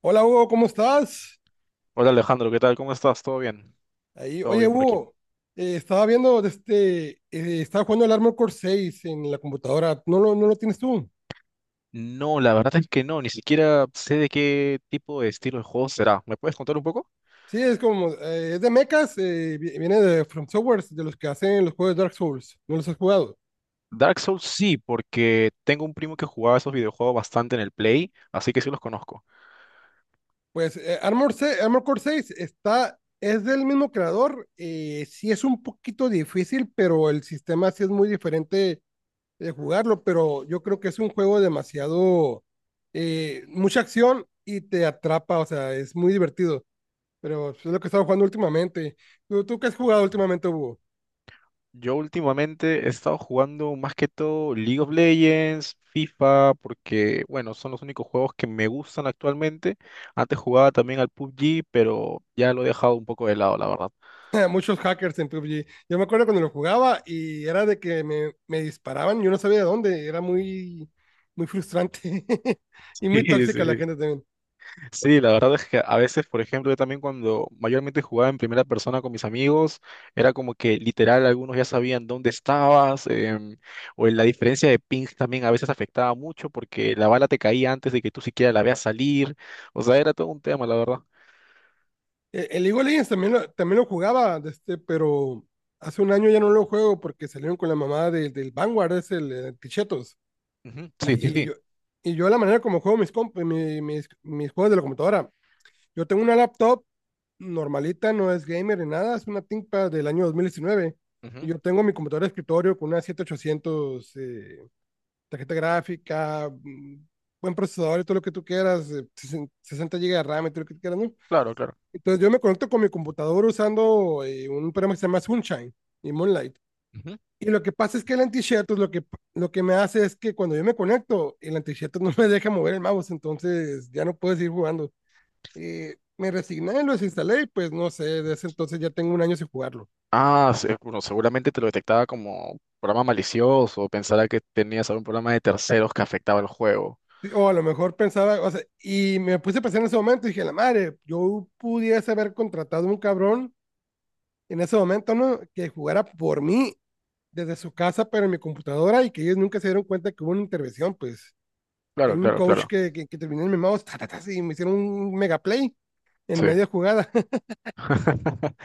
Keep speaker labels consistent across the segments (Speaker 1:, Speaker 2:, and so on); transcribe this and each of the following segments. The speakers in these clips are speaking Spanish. Speaker 1: Hola Hugo, ¿cómo estás?
Speaker 2: Hola Alejandro, ¿qué tal? ¿Cómo estás? ¿Todo bien?
Speaker 1: Ahí,
Speaker 2: Todo
Speaker 1: oye
Speaker 2: bien por aquí.
Speaker 1: Hugo, estaba viendo, estaba jugando el Armored Core seis en la computadora. ¿No lo tienes tú?
Speaker 2: No, la verdad es que no, ni siquiera sé de qué tipo de estilo de juego será. ¿Me puedes contar un poco?
Speaker 1: Sí, es como, es de mechas, eh, viene de From Software, de los que hacen los juegos de Dark Souls. ¿No los has jugado?
Speaker 2: Dark Souls sí, porque tengo un primo que jugaba esos videojuegos bastante en el Play, así que sí los conozco.
Speaker 1: Pues Armored Core seis está, es del mismo creador. Sí es un poquito difícil, pero el sistema sí es muy diferente de jugarlo, pero yo creo que es un juego demasiado, mucha acción y te atrapa, o sea, es muy divertido, pero es lo que he estado jugando últimamente. ¿Tú qué has jugado últimamente, Hugo?
Speaker 2: Yo últimamente he estado jugando más que todo League of Legends, FIFA, porque bueno, son los únicos juegos que me gustan actualmente. Antes jugaba también al PUBG, pero ya lo he dejado un poco de lado, la verdad.
Speaker 1: Muchos hackers en PUBG. Yo me acuerdo cuando lo jugaba y era de que me disparaban, yo no sabía de dónde, era muy frustrante y muy
Speaker 2: Sí,
Speaker 1: tóxica la
Speaker 2: sí.
Speaker 1: gente también.
Speaker 2: Sí, la verdad es que a veces, por ejemplo, yo también cuando mayormente jugaba en primera persona con mis amigos, era como que literal algunos ya sabían dónde estabas, o en la diferencia de pings también a veces afectaba mucho porque la bala te caía antes de que tú siquiera la veas salir, o sea, era todo un tema, la verdad.
Speaker 1: El League of Legends también lo jugaba, de este, pero hace un año ya no lo juego porque salieron con la mamá del Vanguard, es el, Tichetos.
Speaker 2: Ujú. Sí, sí,
Speaker 1: Y, y
Speaker 2: sí.
Speaker 1: yo, y yo la manera como juego mis juegos de la computadora, yo tengo una laptop normalita, no es gamer ni nada, es una ThinkPad del año 2019. Y
Speaker 2: Ujú.
Speaker 1: yo tengo mi computadora de escritorio con una 7800, tarjeta gráfica, buen procesador y todo lo que tú quieras, 60 GB de RAM y todo lo que tú quieras, ¿no?
Speaker 2: Claro, claro.
Speaker 1: Entonces yo me conecto con mi computadora usando un programa que se llama Sunshine y Moonlight.
Speaker 2: Ujú.
Speaker 1: Y lo que pasa es que el anti-share, lo que me hace es que cuando yo me conecto, el anti-share no me deja mover el mouse, entonces ya no puedo seguir jugando. Me resigné, lo desinstalé y pues no sé, desde ese entonces ya tengo un año sin jugarlo.
Speaker 2: Ah, sí, bueno, seguramente te lo detectaba como programa malicioso, o pensara que tenías algún programa de terceros que afectaba el juego.
Speaker 1: Sí, o a lo mejor pensaba, o sea, y me puse a pensar en ese momento y dije, la madre, yo pudiese haber contratado a un cabrón en ese momento, ¿no? Que jugara por mí desde su casa, pero en mi computadora y que ellos nunca se dieron cuenta que hubo una intervención, pues. Hay
Speaker 2: Claro,
Speaker 1: un
Speaker 2: claro,
Speaker 1: coach
Speaker 2: claro.
Speaker 1: que terminó en mi mouse ta, ta, ta, y me hicieron un mega play en
Speaker 2: Sí.
Speaker 1: media jugada.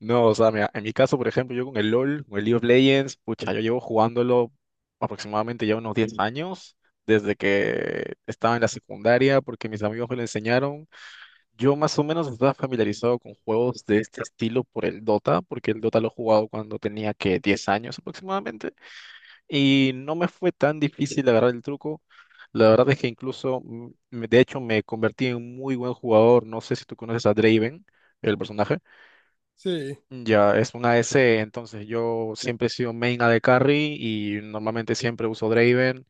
Speaker 2: No, o sea, mira, en mi caso, por ejemplo, yo con el LOL, con el League of Legends, pucha, yo llevo jugándolo aproximadamente ya unos 10 años, desde que estaba en la secundaria, porque mis amigos me lo enseñaron. Yo más o menos estaba familiarizado con juegos de este estilo por el Dota, porque el Dota lo he jugado cuando tenía que 10 años aproximadamente, y no me fue tan difícil agarrar el truco. La verdad es que incluso, de hecho, me convertí en un muy buen jugador. No sé si tú conoces a Draven, el personaje.
Speaker 1: Sí,
Speaker 2: Ya, es una SE, entonces yo siempre he sido main AD carry y normalmente siempre uso Draven.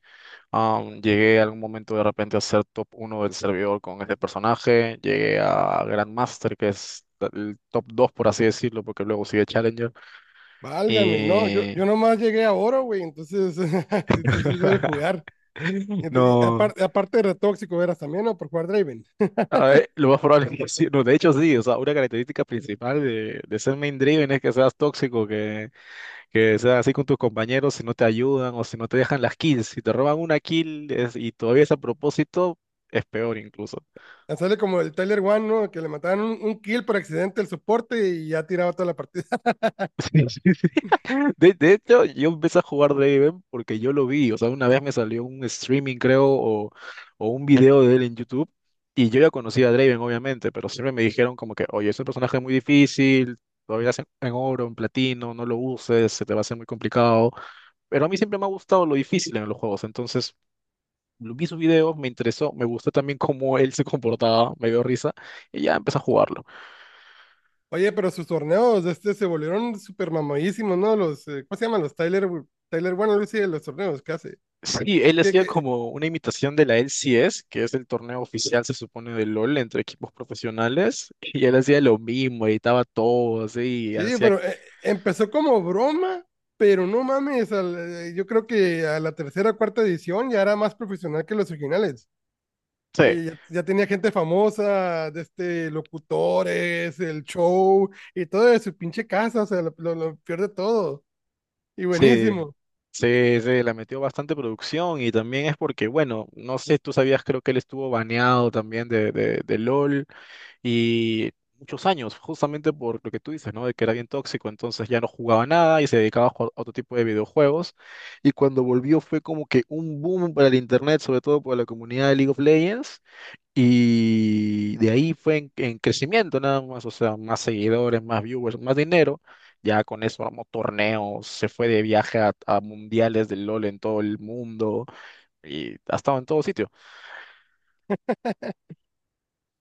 Speaker 2: Llegué a algún momento de repente a ser top uno del servidor con este personaje. Llegué a Grandmaster, que es el top 2 por así decirlo, porque luego sigue Challenger.
Speaker 1: válgame, no, yo
Speaker 2: Y
Speaker 1: nomás llegué a oro, güey, entonces si tú sí sabes jugar. Ent- y
Speaker 2: no,
Speaker 1: apar- aparte de retóxico eras también, ¿no? Por jugar Draven.
Speaker 2: a ver, lo más probable es que sí. No, de hecho sí, o sea, una característica principal de ser main Draven es que seas tóxico, que sea así con tus compañeros si no te ayudan o si no te dejan las kills. Si te roban una kill es- y todavía es a propósito, es peor incluso.
Speaker 1: Ya sale como el Tyler One, ¿no? Que le mataban un kill por accidente el soporte y ya tiraba toda la partida.
Speaker 2: Sí, sí, sí. De hecho, yo empecé a jugar Draven porque yo lo vi. O sea, una vez me salió un streaming, creo, o un video de él en YouTube. Y yo ya conocía a Draven, obviamente, pero siempre me dijeron como que, oye, es un personaje muy difícil, todavía es en oro, en platino, no lo uses, se te va a hacer muy complicado. Pero a mí siempre me ha gustado lo difícil en los juegos, entonces lo vi sus videos, me interesó, me gustó también cómo él se comportaba, me dio risa, y ya empecé a jugarlo.
Speaker 1: Oye, pero sus torneos de este se volvieron súper mamadísimos, ¿no? Los, ¿cómo se llaman? Los Tyler, Tyler One, Lucy, los torneos, ¿qué hace?
Speaker 2: Sí, él
Speaker 1: ¿Qué,
Speaker 2: hacía
Speaker 1: qué,
Speaker 2: como una imitación de la LCS, que es el torneo oficial, se supone, de LOL entre equipos profesionales, y él hacía lo mismo, editaba todo, así, y
Speaker 1: Sí,
Speaker 2: hacía...
Speaker 1: pero empezó como broma, pero no mames, yo creo que a la tercera o cuarta edición ya era más profesional que los originales.
Speaker 2: Sí,
Speaker 1: Y ya, ya tenía gente famosa, de este, locutores, el show y todo de su pinche casa, o sea, lo peor de todo. Y
Speaker 2: sí,
Speaker 1: buenísimo.
Speaker 2: sí, sí, la metió bastante producción, y también es porque, bueno, no sé, tú sabías, creo que él estuvo baneado también de LOL, y muchos años, justamente por lo que tú dices, ¿no? De que era bien tóxico, entonces ya no jugaba nada y se dedicaba a jugar otro tipo de videojuegos. Y cuando volvió fue como que un boom para el internet, sobre todo por la comunidad de League of Legends. Y de ahí fue en crecimiento nada más, o sea, más seguidores, más viewers, más dinero. Ya con eso armó torneos, se fue de viaje a mundiales del LOL en todo el mundo y ha estado en todo sitio.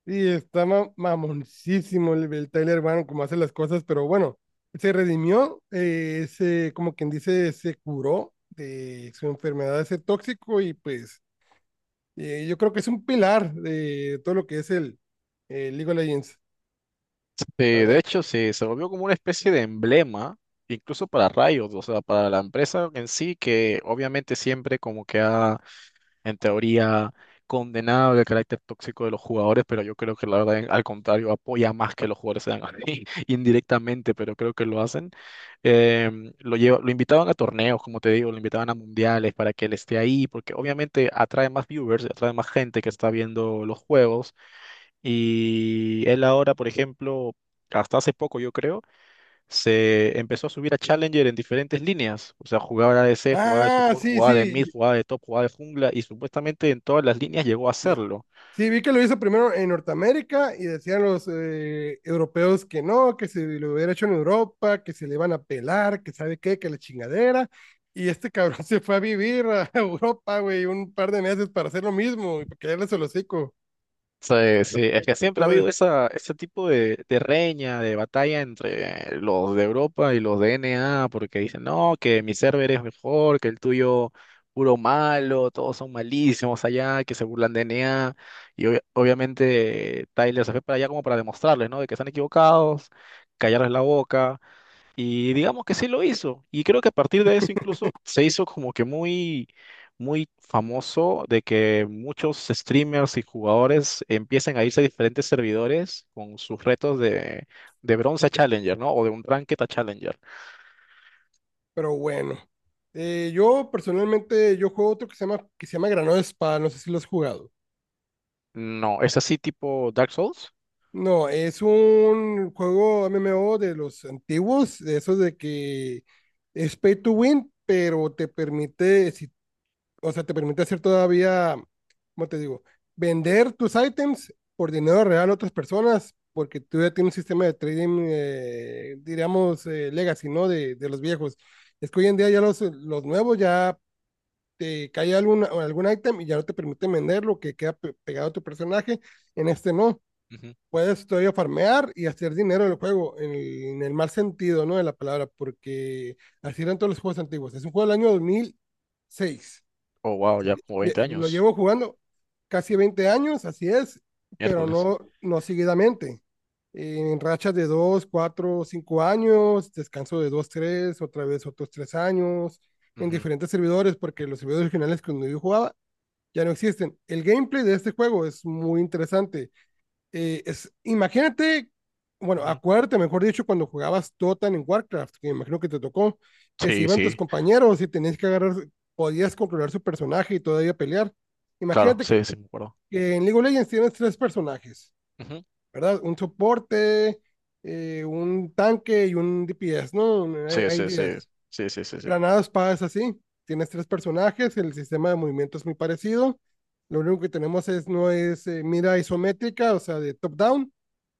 Speaker 1: Y está mamoncísimo el Tyler Bannon como hace las cosas, pero bueno, se redimió, como quien dice, se curó de su enfermedad de ser tóxico y pues yo creo que es un pilar de todo lo que es el League of Legends,
Speaker 2: Sí,
Speaker 1: la
Speaker 2: de
Speaker 1: verdad.
Speaker 2: hecho, sí, se volvió como una especie de emblema, incluso para Riot, o sea, para la empresa en sí, que obviamente siempre como que ha, en teoría, condenado el carácter tóxico de los jugadores, pero yo creo que la verdad, en- al contrario, apoya más que los jugadores sean así, indirectamente, pero creo que lo hacen. Lo lleva, lo invitaban a torneos, como te digo, lo invitaban a mundiales para que él esté ahí, porque obviamente atrae más viewers, atrae más gente que está viendo los juegos y él ahora, por ejemplo, hasta hace poco yo creo, se empezó a subir a Challenger en diferentes líneas. O sea, jugaba de ADC, jugaba de
Speaker 1: Ah,
Speaker 2: support,
Speaker 1: sí,
Speaker 2: jugaba de
Speaker 1: sí,
Speaker 2: mid,
Speaker 1: sí.
Speaker 2: jugaba de top, jugaba de jungla y supuestamente en todas las líneas llegó a
Speaker 1: Sí.
Speaker 2: hacerlo.
Speaker 1: Sí, vi que lo hizo primero en Norteamérica y decían los europeos que no, que se lo hubiera hecho en Europa, que se le iban a pelar, que sabe qué, que la chingadera. Y este cabrón se fue a vivir a Europa, güey, un par de meses para hacer lo mismo y para quedarles el hocico.
Speaker 2: Sí, sí, es que
Speaker 1: Y
Speaker 2: siempre ha
Speaker 1: todo.
Speaker 2: habido esa, ese tipo de reña, de batalla entre los de Europa y los de NA porque dicen, no, que mi server es mejor, que el tuyo puro malo, todos son malísimos allá, que se burlan de NA y obvia- obviamente Tyler se fue para allá como para demostrarles, ¿no? De que están equivocados, callarles la boca, y digamos que sí lo hizo. Y creo que a partir de eso incluso se hizo como que muy, muy famoso de que muchos streamers y jugadores empiecen a irse a diferentes servidores con sus retos de bronce a Challenger, ¿no? O de un ranked a Challenger.
Speaker 1: Pero bueno, yo personalmente, yo juego otro que se llama Granado Espada, no sé si lo has jugado.
Speaker 2: No, ¿es así tipo Dark Souls?
Speaker 1: No, es un juego MMO de los antiguos, de esos de que es pay to win, pero te permite, o sea, te permite hacer todavía, ¿cómo te digo? Vender tus ítems por dinero real a otras personas, porque tú ya tienes un sistema de trading, diríamos, legacy, ¿no? De los viejos. Es que hoy en día ya los nuevos ya te cae algún ítem y ya no te permite venderlo, que queda pegado a tu personaje, en este no
Speaker 2: Ujú.
Speaker 1: puedes todavía farmear y hacer dinero en el juego, en el mal sentido, ¿no? De la palabra, porque así eran todos los juegos antiguos. Es un juego del año 2006.
Speaker 2: Oh, wow, ya como 20
Speaker 1: Lo
Speaker 2: años,
Speaker 1: llevo jugando casi 20 años, así es, pero
Speaker 2: miércoles.
Speaker 1: no, no seguidamente. En rachas de 2, 4, 5 años, descanso de 2, 3, otra vez otros 3 años, en
Speaker 2: Ujú,
Speaker 1: diferentes servidores, porque los servidores originales que yo jugaba ya no existen. El gameplay de este juego es muy interesante, es, imagínate, bueno,
Speaker 2: ujú.
Speaker 1: acuérdate, mejor dicho, cuando jugabas Totan en Warcraft, que me imagino que te tocó, que se
Speaker 2: Sí,
Speaker 1: iban tus
Speaker 2: sí,
Speaker 1: compañeros y tenías que agarrar, podías controlar su personaje y todavía pelear.
Speaker 2: claro,
Speaker 1: Imagínate
Speaker 2: sí, sí, me acuerdo.
Speaker 1: que en League of Legends tienes tres personajes,
Speaker 2: Ujú.
Speaker 1: ¿verdad? Un soporte, un tanque y un DPS, ¿no?
Speaker 2: Sí,
Speaker 1: Hay
Speaker 2: sí, sí,
Speaker 1: días.
Speaker 2: sí, sí, sí, sí. Sí.
Speaker 1: Granadas, es así. Tienes tres personajes, el sistema de movimiento es muy parecido. Lo único que tenemos es, no es mira isométrica, o sea, de top-down,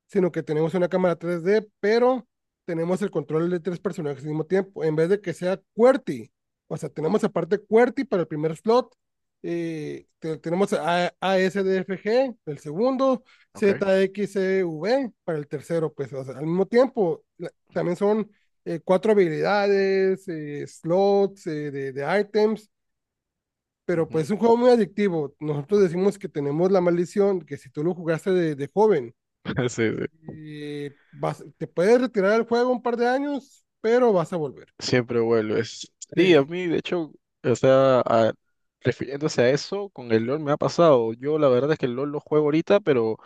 Speaker 1: sino que tenemos una cámara 3D, pero tenemos el control de tres personajes al mismo tiempo, en vez de que sea QWERTY. O sea, tenemos aparte QWERTY para el primer slot, tenemos ASDFG, el segundo,
Speaker 2: Ok.
Speaker 1: ZXCV para el tercero, pues o sea, al mismo tiempo, también son cuatro habilidades, slots de items, pero pues
Speaker 2: Ujú.
Speaker 1: es un juego muy adictivo. Nosotros decimos que tenemos la maldición, que si tú lo jugaste de joven,
Speaker 2: Sí, sí.
Speaker 1: te puedes retirar del juego un par de años, pero vas a volver.
Speaker 2: Siempre vuelves. Sí, a
Speaker 1: Sí,
Speaker 2: mí, de hecho, o sea, a- refiriéndose a eso, con el LOL me ha pasado. Yo la verdad es que el LOL lo juego ahorita, pero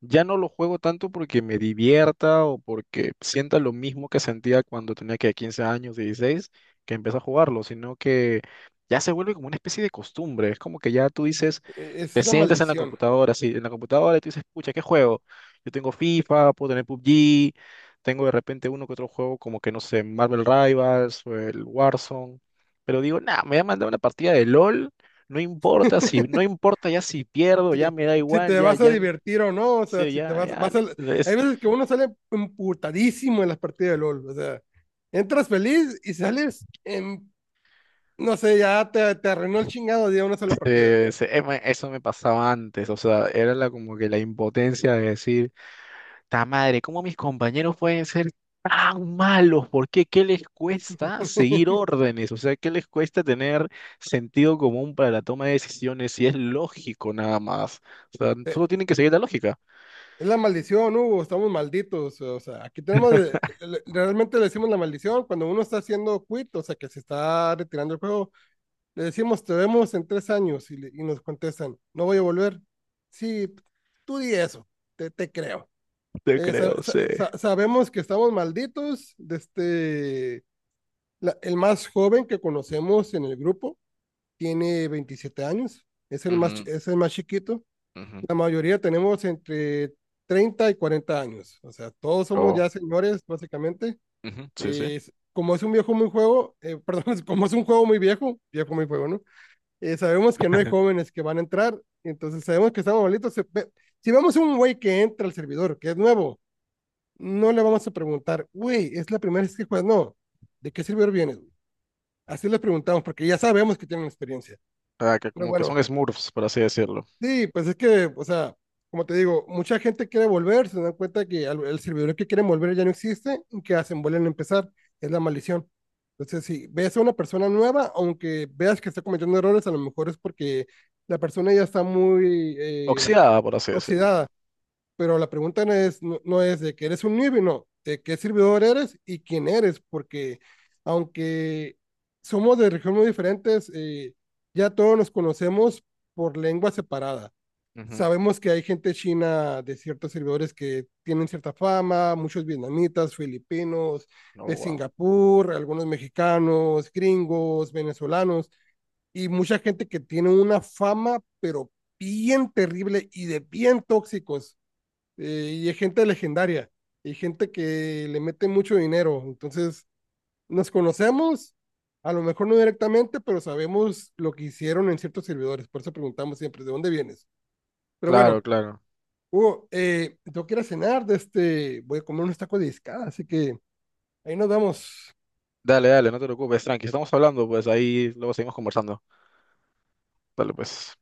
Speaker 2: ya no lo juego tanto porque me divierta o porque sienta lo mismo que sentía cuando tenía que 15 años, 16 que empecé a jugarlo, sino que ya se vuelve como una especie de costumbre. Es como que ya tú dices, te
Speaker 1: es la
Speaker 2: sientas en la
Speaker 1: maldición.
Speaker 2: computadora, sí, en la computadora y tú dices, pucha, ¿qué juego? Yo tengo FIFA, puedo tener PUBG, tengo de repente uno que otro juego como que no sé, Marvel Rivals o el Warzone, pero digo, nada, me voy a mandar una partida de LOL, no importa si, no importa ya si pierdo,
Speaker 1: Sí,
Speaker 2: ya me da
Speaker 1: si
Speaker 2: igual,
Speaker 1: te
Speaker 2: ya,
Speaker 1: vas a
Speaker 2: ya,
Speaker 1: divertir o no, o sea,
Speaker 2: sí,
Speaker 1: si te
Speaker 2: ya,
Speaker 1: vas,
Speaker 2: ya.
Speaker 1: vas a... Hay
Speaker 2: Es,
Speaker 1: veces que uno sale emputadísimo en las partidas de LOL, o sea, entras feliz y sales en, no sé, ya te arruinó el chingado de una sola partida.
Speaker 2: eso me pasaba antes, o sea, era la, como que la impotencia de decir Ta madre, ¿cómo mis compañeros pueden ser tan malos? ¿Por qué? ¿Qué les cuesta seguir órdenes? O sea, ¿qué les cuesta tener sentido común para la toma de decisiones? Si es lógico nada más. O sea, solo tienen que seguir la lógica.
Speaker 1: Es la maldición, Hugo, estamos malditos, o sea, aquí tenemos, realmente le decimos la maldición cuando uno está haciendo quit, o sea, que se está retirando el juego. Le decimos, te vemos en 3 años y, y nos contestan, no voy a volver. Sí, tú di eso, te creo.
Speaker 2: Te
Speaker 1: Eh, sa-
Speaker 2: creo, sí.
Speaker 1: sa- Sabemos que estamos malditos. De este, el más joven que conocemos en el grupo tiene 27 años,
Speaker 2: Ujú,
Speaker 1: es el más chiquito.
Speaker 2: ujú.
Speaker 1: La mayoría tenemos entre 30 y 40 años, o sea, todos somos
Speaker 2: Oh,
Speaker 1: ya señores, básicamente.
Speaker 2: ujú, sí, sí.
Speaker 1: Eh, como es un viejo muy juego, perdón, como es un juego muy viejo, viejo muy juego, ¿no? Sabemos que no hay jóvenes que van a entrar, entonces sabemos que estamos malitos. Si vemos un güey que entra al servidor, que es nuevo, no le vamos a preguntar, güey, es la primera vez que juegas, no, ¿de qué servidor vienes? Así les preguntamos, porque ya sabemos que tienen experiencia.
Speaker 2: Ah, que
Speaker 1: Pero
Speaker 2: como que
Speaker 1: bueno,
Speaker 2: son Smurfs, por así decirlo.
Speaker 1: sí, pues es que, o sea, como te digo, mucha gente quiere volver, se dan cuenta que el servidor que quieren volver ya no existe, ¿y que hacen? Vuelven a empezar, es la maldición. Entonces, si ves a una persona nueva, aunque veas que está cometiendo errores, a lo mejor es porque la persona ya está muy
Speaker 2: Oxidada, por así decirlo.
Speaker 1: oxidada, pero la pregunta no es, no, no es de que eres un newbie, no, de qué servidor eres y quién eres, porque aunque somos de regiones muy diferentes, ya todos nos conocemos por lengua separada.
Speaker 2: Ujú.
Speaker 1: Sabemos que hay gente china de ciertos servidores que tienen cierta fama, muchos vietnamitas, filipinos,
Speaker 2: Oh,
Speaker 1: de
Speaker 2: wow.
Speaker 1: Singapur, algunos mexicanos, gringos, venezolanos y mucha gente que tiene una fama, pero bien terrible y de bien tóxicos. Y hay gente legendaria, y gente que le mete mucho dinero. Entonces, nos conocemos, a lo mejor no directamente, pero sabemos lo que hicieron en ciertos servidores. Por eso preguntamos siempre, ¿de dónde vienes? Pero
Speaker 2: Claro,
Speaker 1: bueno,
Speaker 2: claro.
Speaker 1: Hugo, tengo que ir a cenar, de este, voy a comer unos tacos de discada, así que ahí nos vemos.
Speaker 2: Dale, dale, no te preocupes, tranqui. Estamos hablando, pues ahí luego seguimos conversando. Dale, pues.